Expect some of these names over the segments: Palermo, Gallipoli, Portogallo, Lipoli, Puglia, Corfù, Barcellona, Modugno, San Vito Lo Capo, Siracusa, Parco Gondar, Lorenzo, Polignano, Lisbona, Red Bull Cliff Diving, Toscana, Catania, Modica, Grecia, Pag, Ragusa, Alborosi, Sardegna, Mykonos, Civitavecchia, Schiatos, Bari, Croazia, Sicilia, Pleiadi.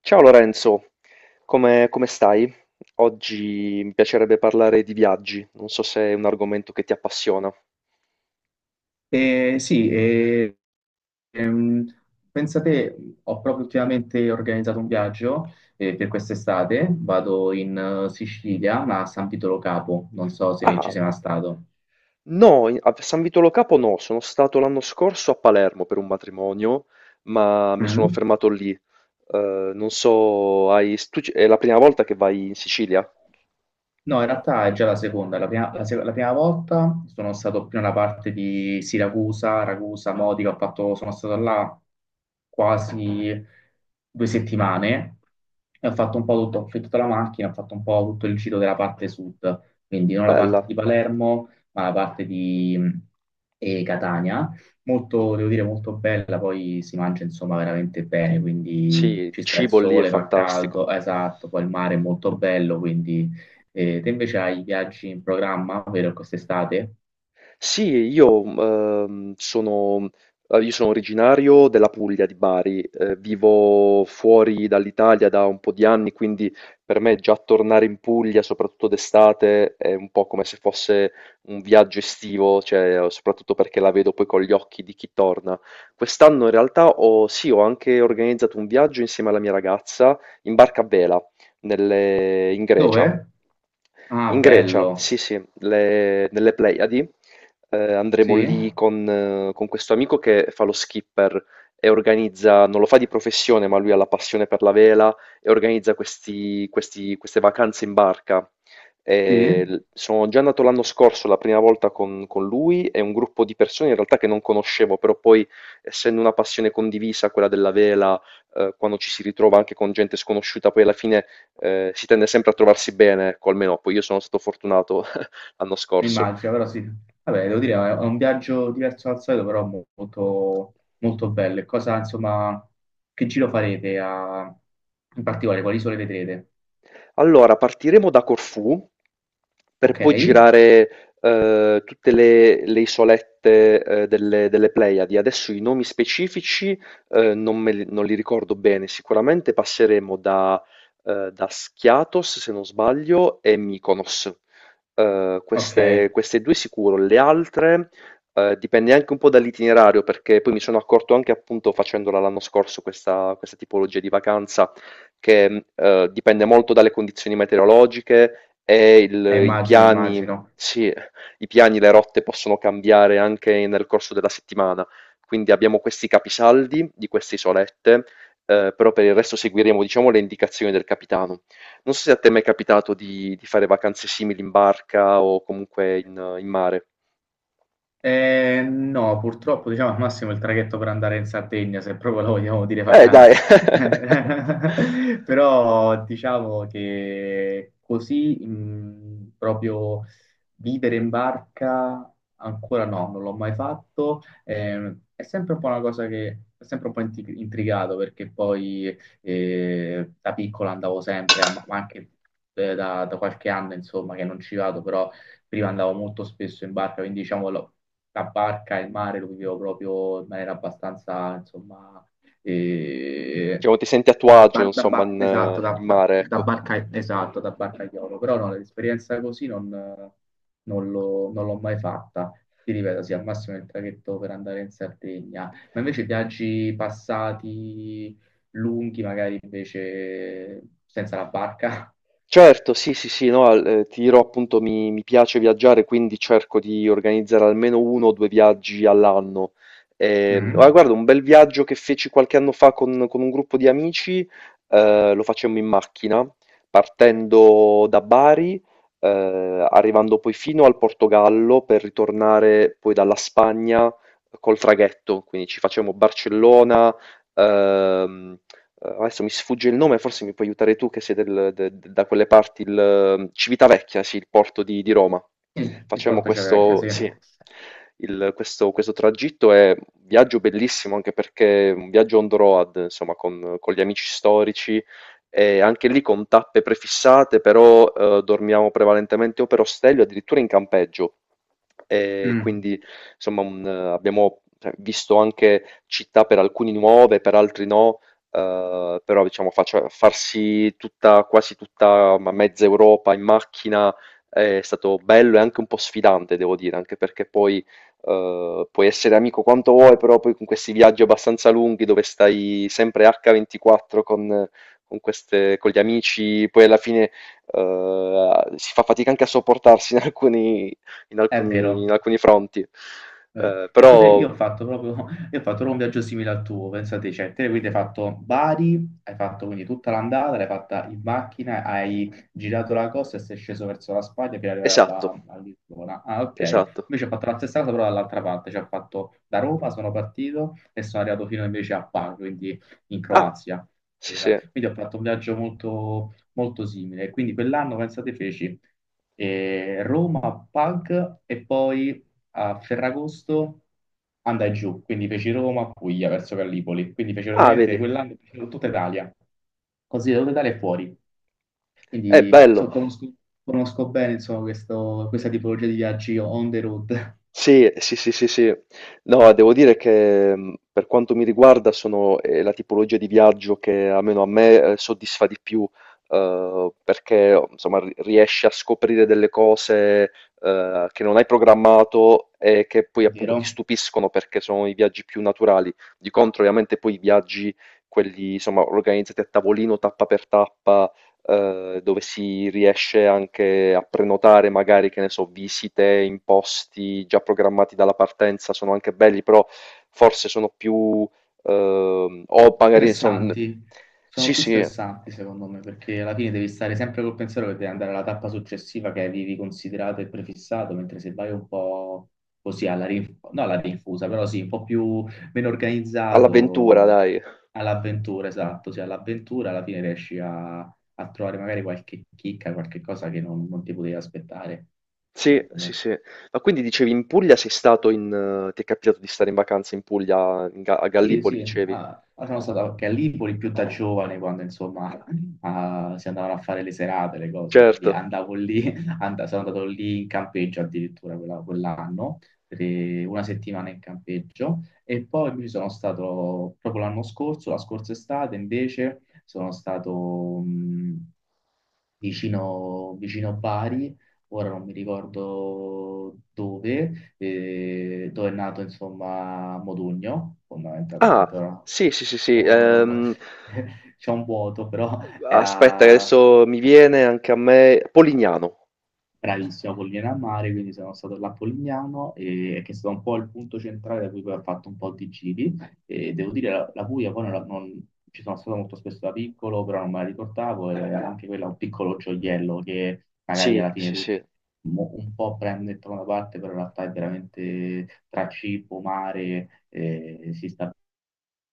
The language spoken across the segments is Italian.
Ciao Lorenzo, come stai? Oggi mi piacerebbe parlare di viaggi, non so se è un argomento che ti appassiona. Eh, sì, eh, ehm, pensate, ho proprio ultimamente organizzato un viaggio per quest'estate, vado in Sicilia, ma a San Vito Lo Capo, non so se ci Ah, sei mai stato. no, a San Vito Lo Capo no, sono stato l'anno scorso a Palermo per un matrimonio, ma mi sono Mm. fermato lì. Non so, è la prima volta che vai in Sicilia? No, in realtà è già la seconda. La prima, la se- la prima volta sono stato più nella parte di Siracusa, Ragusa, Modica. Ho fatto, sono stato là quasi due settimane e ho fatto un po' tutto, ho affittato la macchina, ho fatto un po' tutto il giro della parte sud, quindi non la Bella. parte di Palermo, ma la parte di Catania. Molto, devo dire, molto bella, poi si mangia insomma veramente bene, Sì, quindi il ci sta il cibo lì è sole, fa fantastico. caldo, esatto, poi il mare è molto bello, quindi. E te invece hai viaggi in programma, vero, quest'estate? Sì, io, ehm, sono, eh, io sono originario della Puglia di Bari, vivo fuori dall'Italia da un po' di anni, quindi per me già tornare in Puglia, soprattutto d'estate, è un po' come se fosse un viaggio estivo, cioè, soprattutto perché la vedo poi con gli occhi di chi torna. Quest'anno in realtà sì, ho anche organizzato un viaggio insieme alla mia ragazza in barca a vela in Grecia. Dove? Ah, In Grecia, bello. sì, sì, nelle Pleiadi andremo Sì, lì con questo amico che fa lo skipper e organizza, non lo fa di professione, ma lui ha la passione per la vela e organizza queste vacanze in barca. sì, E sono già andato l'anno scorso la prima volta con lui e un gruppo di persone in realtà che non conoscevo, però poi essendo una passione condivisa, quella della vela, quando ci si ritrova anche con gente sconosciuta, poi alla fine si tende sempre a trovarsi bene, ecco, almeno poi io sono stato fortunato l'anno scorso. immagino, però sì. Vabbè, devo dire, è un viaggio diverso dal solito, però molto, molto bello. E cosa, insomma, che in particolare? Quali isole vedrete? Allora, partiremo da Corfù per Ok, poi girare tutte le isolette delle Pleiadi. Adesso i nomi specifici non li ricordo bene. Sicuramente passeremo da Schiatos, se non sbaglio, e Mykonos. Eh, ok, queste, queste due sicuro. Le altre dipende anche un po' dall'itinerario, perché poi mi sono accorto anche appunto facendola l'anno scorso questa tipologia di vacanza che, dipende molto dalle condizioni meteorologiche e il i immagino, piani, immagino. sì, i piani, le rotte possono cambiare anche nel corso della settimana. Quindi abbiamo questi capisaldi di queste isolette, però per il resto seguiremo, diciamo, le indicazioni del capitano. Non so se a te è mai capitato di fare vacanze simili in barca o comunque in mare. No, purtroppo diciamo al massimo il traghetto per andare in Sardegna, se proprio lo vogliamo dire Dai. vacanza. Però diciamo che così, proprio vivere in barca ancora no, non l'ho mai fatto. È sempre un po' una cosa che è sempre un po' intrigato perché poi da piccolo andavo sempre, ma anche da qualche anno insomma che non ci vado, però prima andavo molto spesso in barca, quindi diciamo, la barca e il mare lo vivevo proprio in maniera abbastanza insomma eh, Diciamo ti senti a tuo agio insomma in esatto, in mare, da ecco. barca, esatto, da barcaiolo, però no, l'esperienza così non, non l'ho mai fatta. Ti ripeto, sì, al massimo il traghetto per andare in Sardegna, ma invece viaggi passati lunghi, magari invece senza la barca. Certo, sì, sì, sì, no, ti dirò appunto mi piace viaggiare, quindi cerco di organizzare almeno uno o due viaggi all'anno. Ah, Mm. guarda, un bel viaggio che feci qualche anno fa con un gruppo di amici, lo facemmo in macchina, partendo da Bari, arrivando poi fino al Portogallo per ritornare poi dalla Spagna col traghetto, quindi ci facevamo Barcellona, ehm, adesso mi sfugge il nome, forse mi puoi aiutare tu che sei da quelle parti, Civitavecchia, sì, il porto di Roma. Sì, il Facciamo porto c'è vecchio, questo, sì. sì, questo tragitto è un viaggio bellissimo anche perché è un viaggio on the road, insomma, con gli amici storici e anche lì con tappe prefissate, però dormiamo prevalentemente o per ostello, addirittura in campeggio. E Mm. quindi insomma abbiamo cioè, visto anche città per alcuni nuove, per altri no, però diciamo farsi tutta, quasi tutta ma mezza Europa in macchina è stato bello e anche un po' sfidante, devo dire, anche perché poi puoi essere amico quanto vuoi, però poi con questi viaggi abbastanza lunghi dove stai sempre H24 con gli amici, poi alla fine, si fa fatica anche a sopportarsi in alcuni in È alcuni in vero. alcuni fronti. Vero. Uhm, Pensate, però io ho fatto proprio, io ho fatto proprio un viaggio simile al tuo, pensate, cioè, te quindi hai fatto Bari, hai fatto quindi tutta l'andata, l'hai fatta in macchina, hai girato la costa e sei sceso verso la Spagna per arrivare a, esatto, a Lisbona. Ah, ok. esatto. Invece ho fatto la stessa cosa però dall'altra parte, cioè ho fatto da Roma, sono partito e sono arrivato fino invece a Bar, quindi in Ah, Croazia. sì, sì. Quindi ho fatto un viaggio molto, molto simile. Quindi quell'anno, pensate, feci Roma, Pag e poi a Ferragosto andai giù, quindi feci Roma, Puglia verso Gallipoli, quindi feci Ah, praticamente vedi? quell'anno feci tutta Italia, così da tutta Italia e fuori. Bello. Conosco, conosco bene insomma, questa tipologia di viaggi on the road. Sì, sì, sì, sì, sì. No, devo dire che per quanto mi riguarda sono la tipologia di viaggio che almeno a me soddisfa di più, perché oh, insomma riesci a scoprire delle cose che non hai programmato e che poi È appunto ti vero? stupiscono perché sono i viaggi più naturali. Di contro, ovviamente poi i viaggi, quelli insomma organizzati a tavolino, tappa per tappa, dove si riesce anche a prenotare magari, che ne so, visite in posti già programmati dalla partenza, sono anche belli, però forse sono più... o magari sono... Stressanti, sono Sì, più sì, stressanti secondo me, perché alla fine devi stare sempre col pensiero che devi andare alla tappa successiva che avevi considerato e prefissato, mentre se vai un po' così alla rinfusa, no alla rinfusa, però sì, un po' più meno all'avventura, organizzato dai. all'avventura, esatto, sì, all'avventura alla fine riesci a, a trovare magari qualche chicca, qualche cosa che non, non ti potevi aspettare, Sì, secondo sì, me. sì. Ma quindi dicevi in Puglia sei stato ti è capitato di stare in vacanza in Puglia, a Sì, Gallipoli, sì, dicevi? ah, sono stato anche a Lipoli più da giovane quando insomma ah, si andavano a fare le serate, le cose, quindi Certo. andavo lì, sono andato lì in campeggio addirittura quell'anno, per una settimana in campeggio e poi mi sono stato proprio l'anno scorso, la scorsa estate invece sono stato vicino Bari ora non mi ricordo dove, dove è nato insomma Modugno, Ah, fondamentalmente, ora. sì, sì, sì, sì. Oh, c'è un vuoto, però Aspetta che era adesso mi viene anche a me Polignano. bravissimo, Pollina a Mare, quindi sono stato là a Polignano, che è stato un po' il punto centrale da cui poi ho fatto un po' di giri. E devo dire, la Puglia poi non, ci sono stato molto spesso da piccolo, però non me la ricordavo, e anche quella è un piccolo gioiello che magari Sì, alla fine sì, tu sì. Un po' prende il da una parte, però in realtà è veramente tra cibo, mare, si sta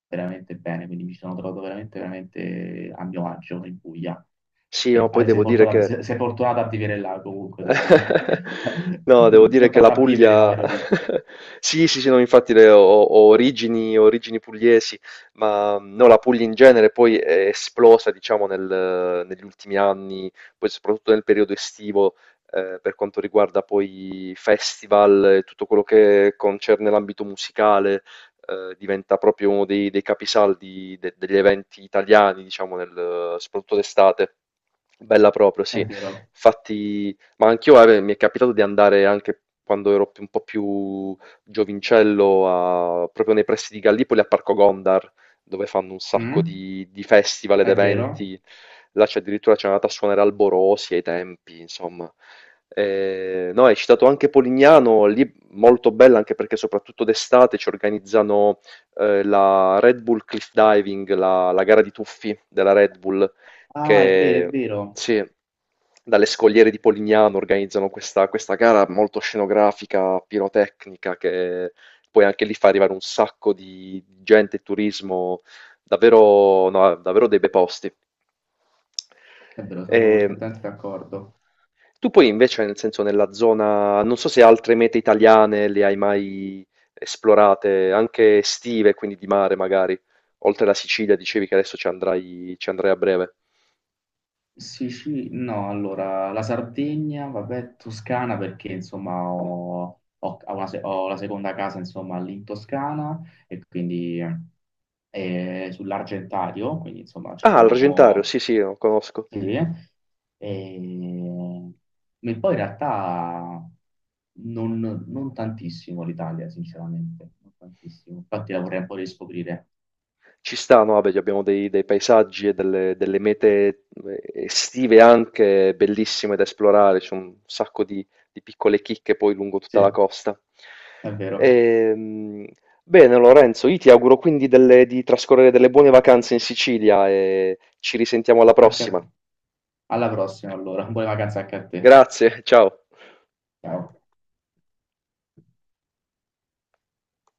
veramente bene, quindi mi sono trovato veramente, veramente a mio agio in Puglia. Sì, ma E, poi ah, sei devo dire fortunato, che sei fortunato a vivere là comunque, devo dire. No, devo Non, dire non che la tanto a vivere, ma Puglia... avere origini. Sì, sì, sì, no, infatti ho origini, origini pugliesi, ma no, la Puglia in genere poi è esplosa, diciamo, negli ultimi anni, poi soprattutto nel periodo estivo, per quanto riguarda poi festival e tutto quello che concerne l'ambito musicale, diventa proprio uno dei capisaldi degli eventi italiani, diciamo, soprattutto d'estate. Bella proprio, È sì. vero. Infatti... Ma anch'io, guarda, mi è capitato di andare anche quando ero un po' più giovincello, proprio nei pressi di Gallipoli, a Parco Gondar, dove fanno un sacco Mm? di festival ed È vero? eventi. Là c'è addirittura c'è andata a suonare Alborosi ai tempi, insomma. No, hai citato anche Polignano, lì molto bella anche perché soprattutto d'estate ci organizzano la Red Bull Cliff Diving, la gara di tuffi della Red Bull Ah, è vero, è che vero. sì, dalle scogliere di Polignano organizzano questa gara molto scenografica, pirotecnica, che poi anche lì fa arrivare un sacco di gente e turismo, davvero, no, davvero dei bei posti. È vero, E sono perfettamente d'accordo. tu poi invece, nel senso, nella zona, non so se altre mete italiane le hai mai esplorate, anche estive, quindi di mare magari, oltre la Sicilia, dicevi che adesso ci andrai a breve. Sicilia, no, allora la Sardegna, vabbè, Toscana perché insomma ho una ho la seconda casa insomma lì in Toscana e quindi sull'Argentario, quindi insomma ci Ah, l'Argentario, sono. sì, sì, lo conosco. Sì, e. Ma poi in realtà non, non tantissimo l'Italia, sinceramente, non tantissimo. Infatti la vorrei un po' riscoprire. Ci sta, no? Vabbè, abbiamo dei paesaggi e delle mete estive anche bellissime da esplorare, c'è un sacco di piccole chicche poi lungo tutta la Sì, costa. è vero. Ehm, bene, Lorenzo, io ti auguro quindi di trascorrere delle buone vacanze in Sicilia e ci risentiamo alla Anche a prossima. te. Alla prossima allora, buone vacanze anche a te. Grazie, ciao. Ciao.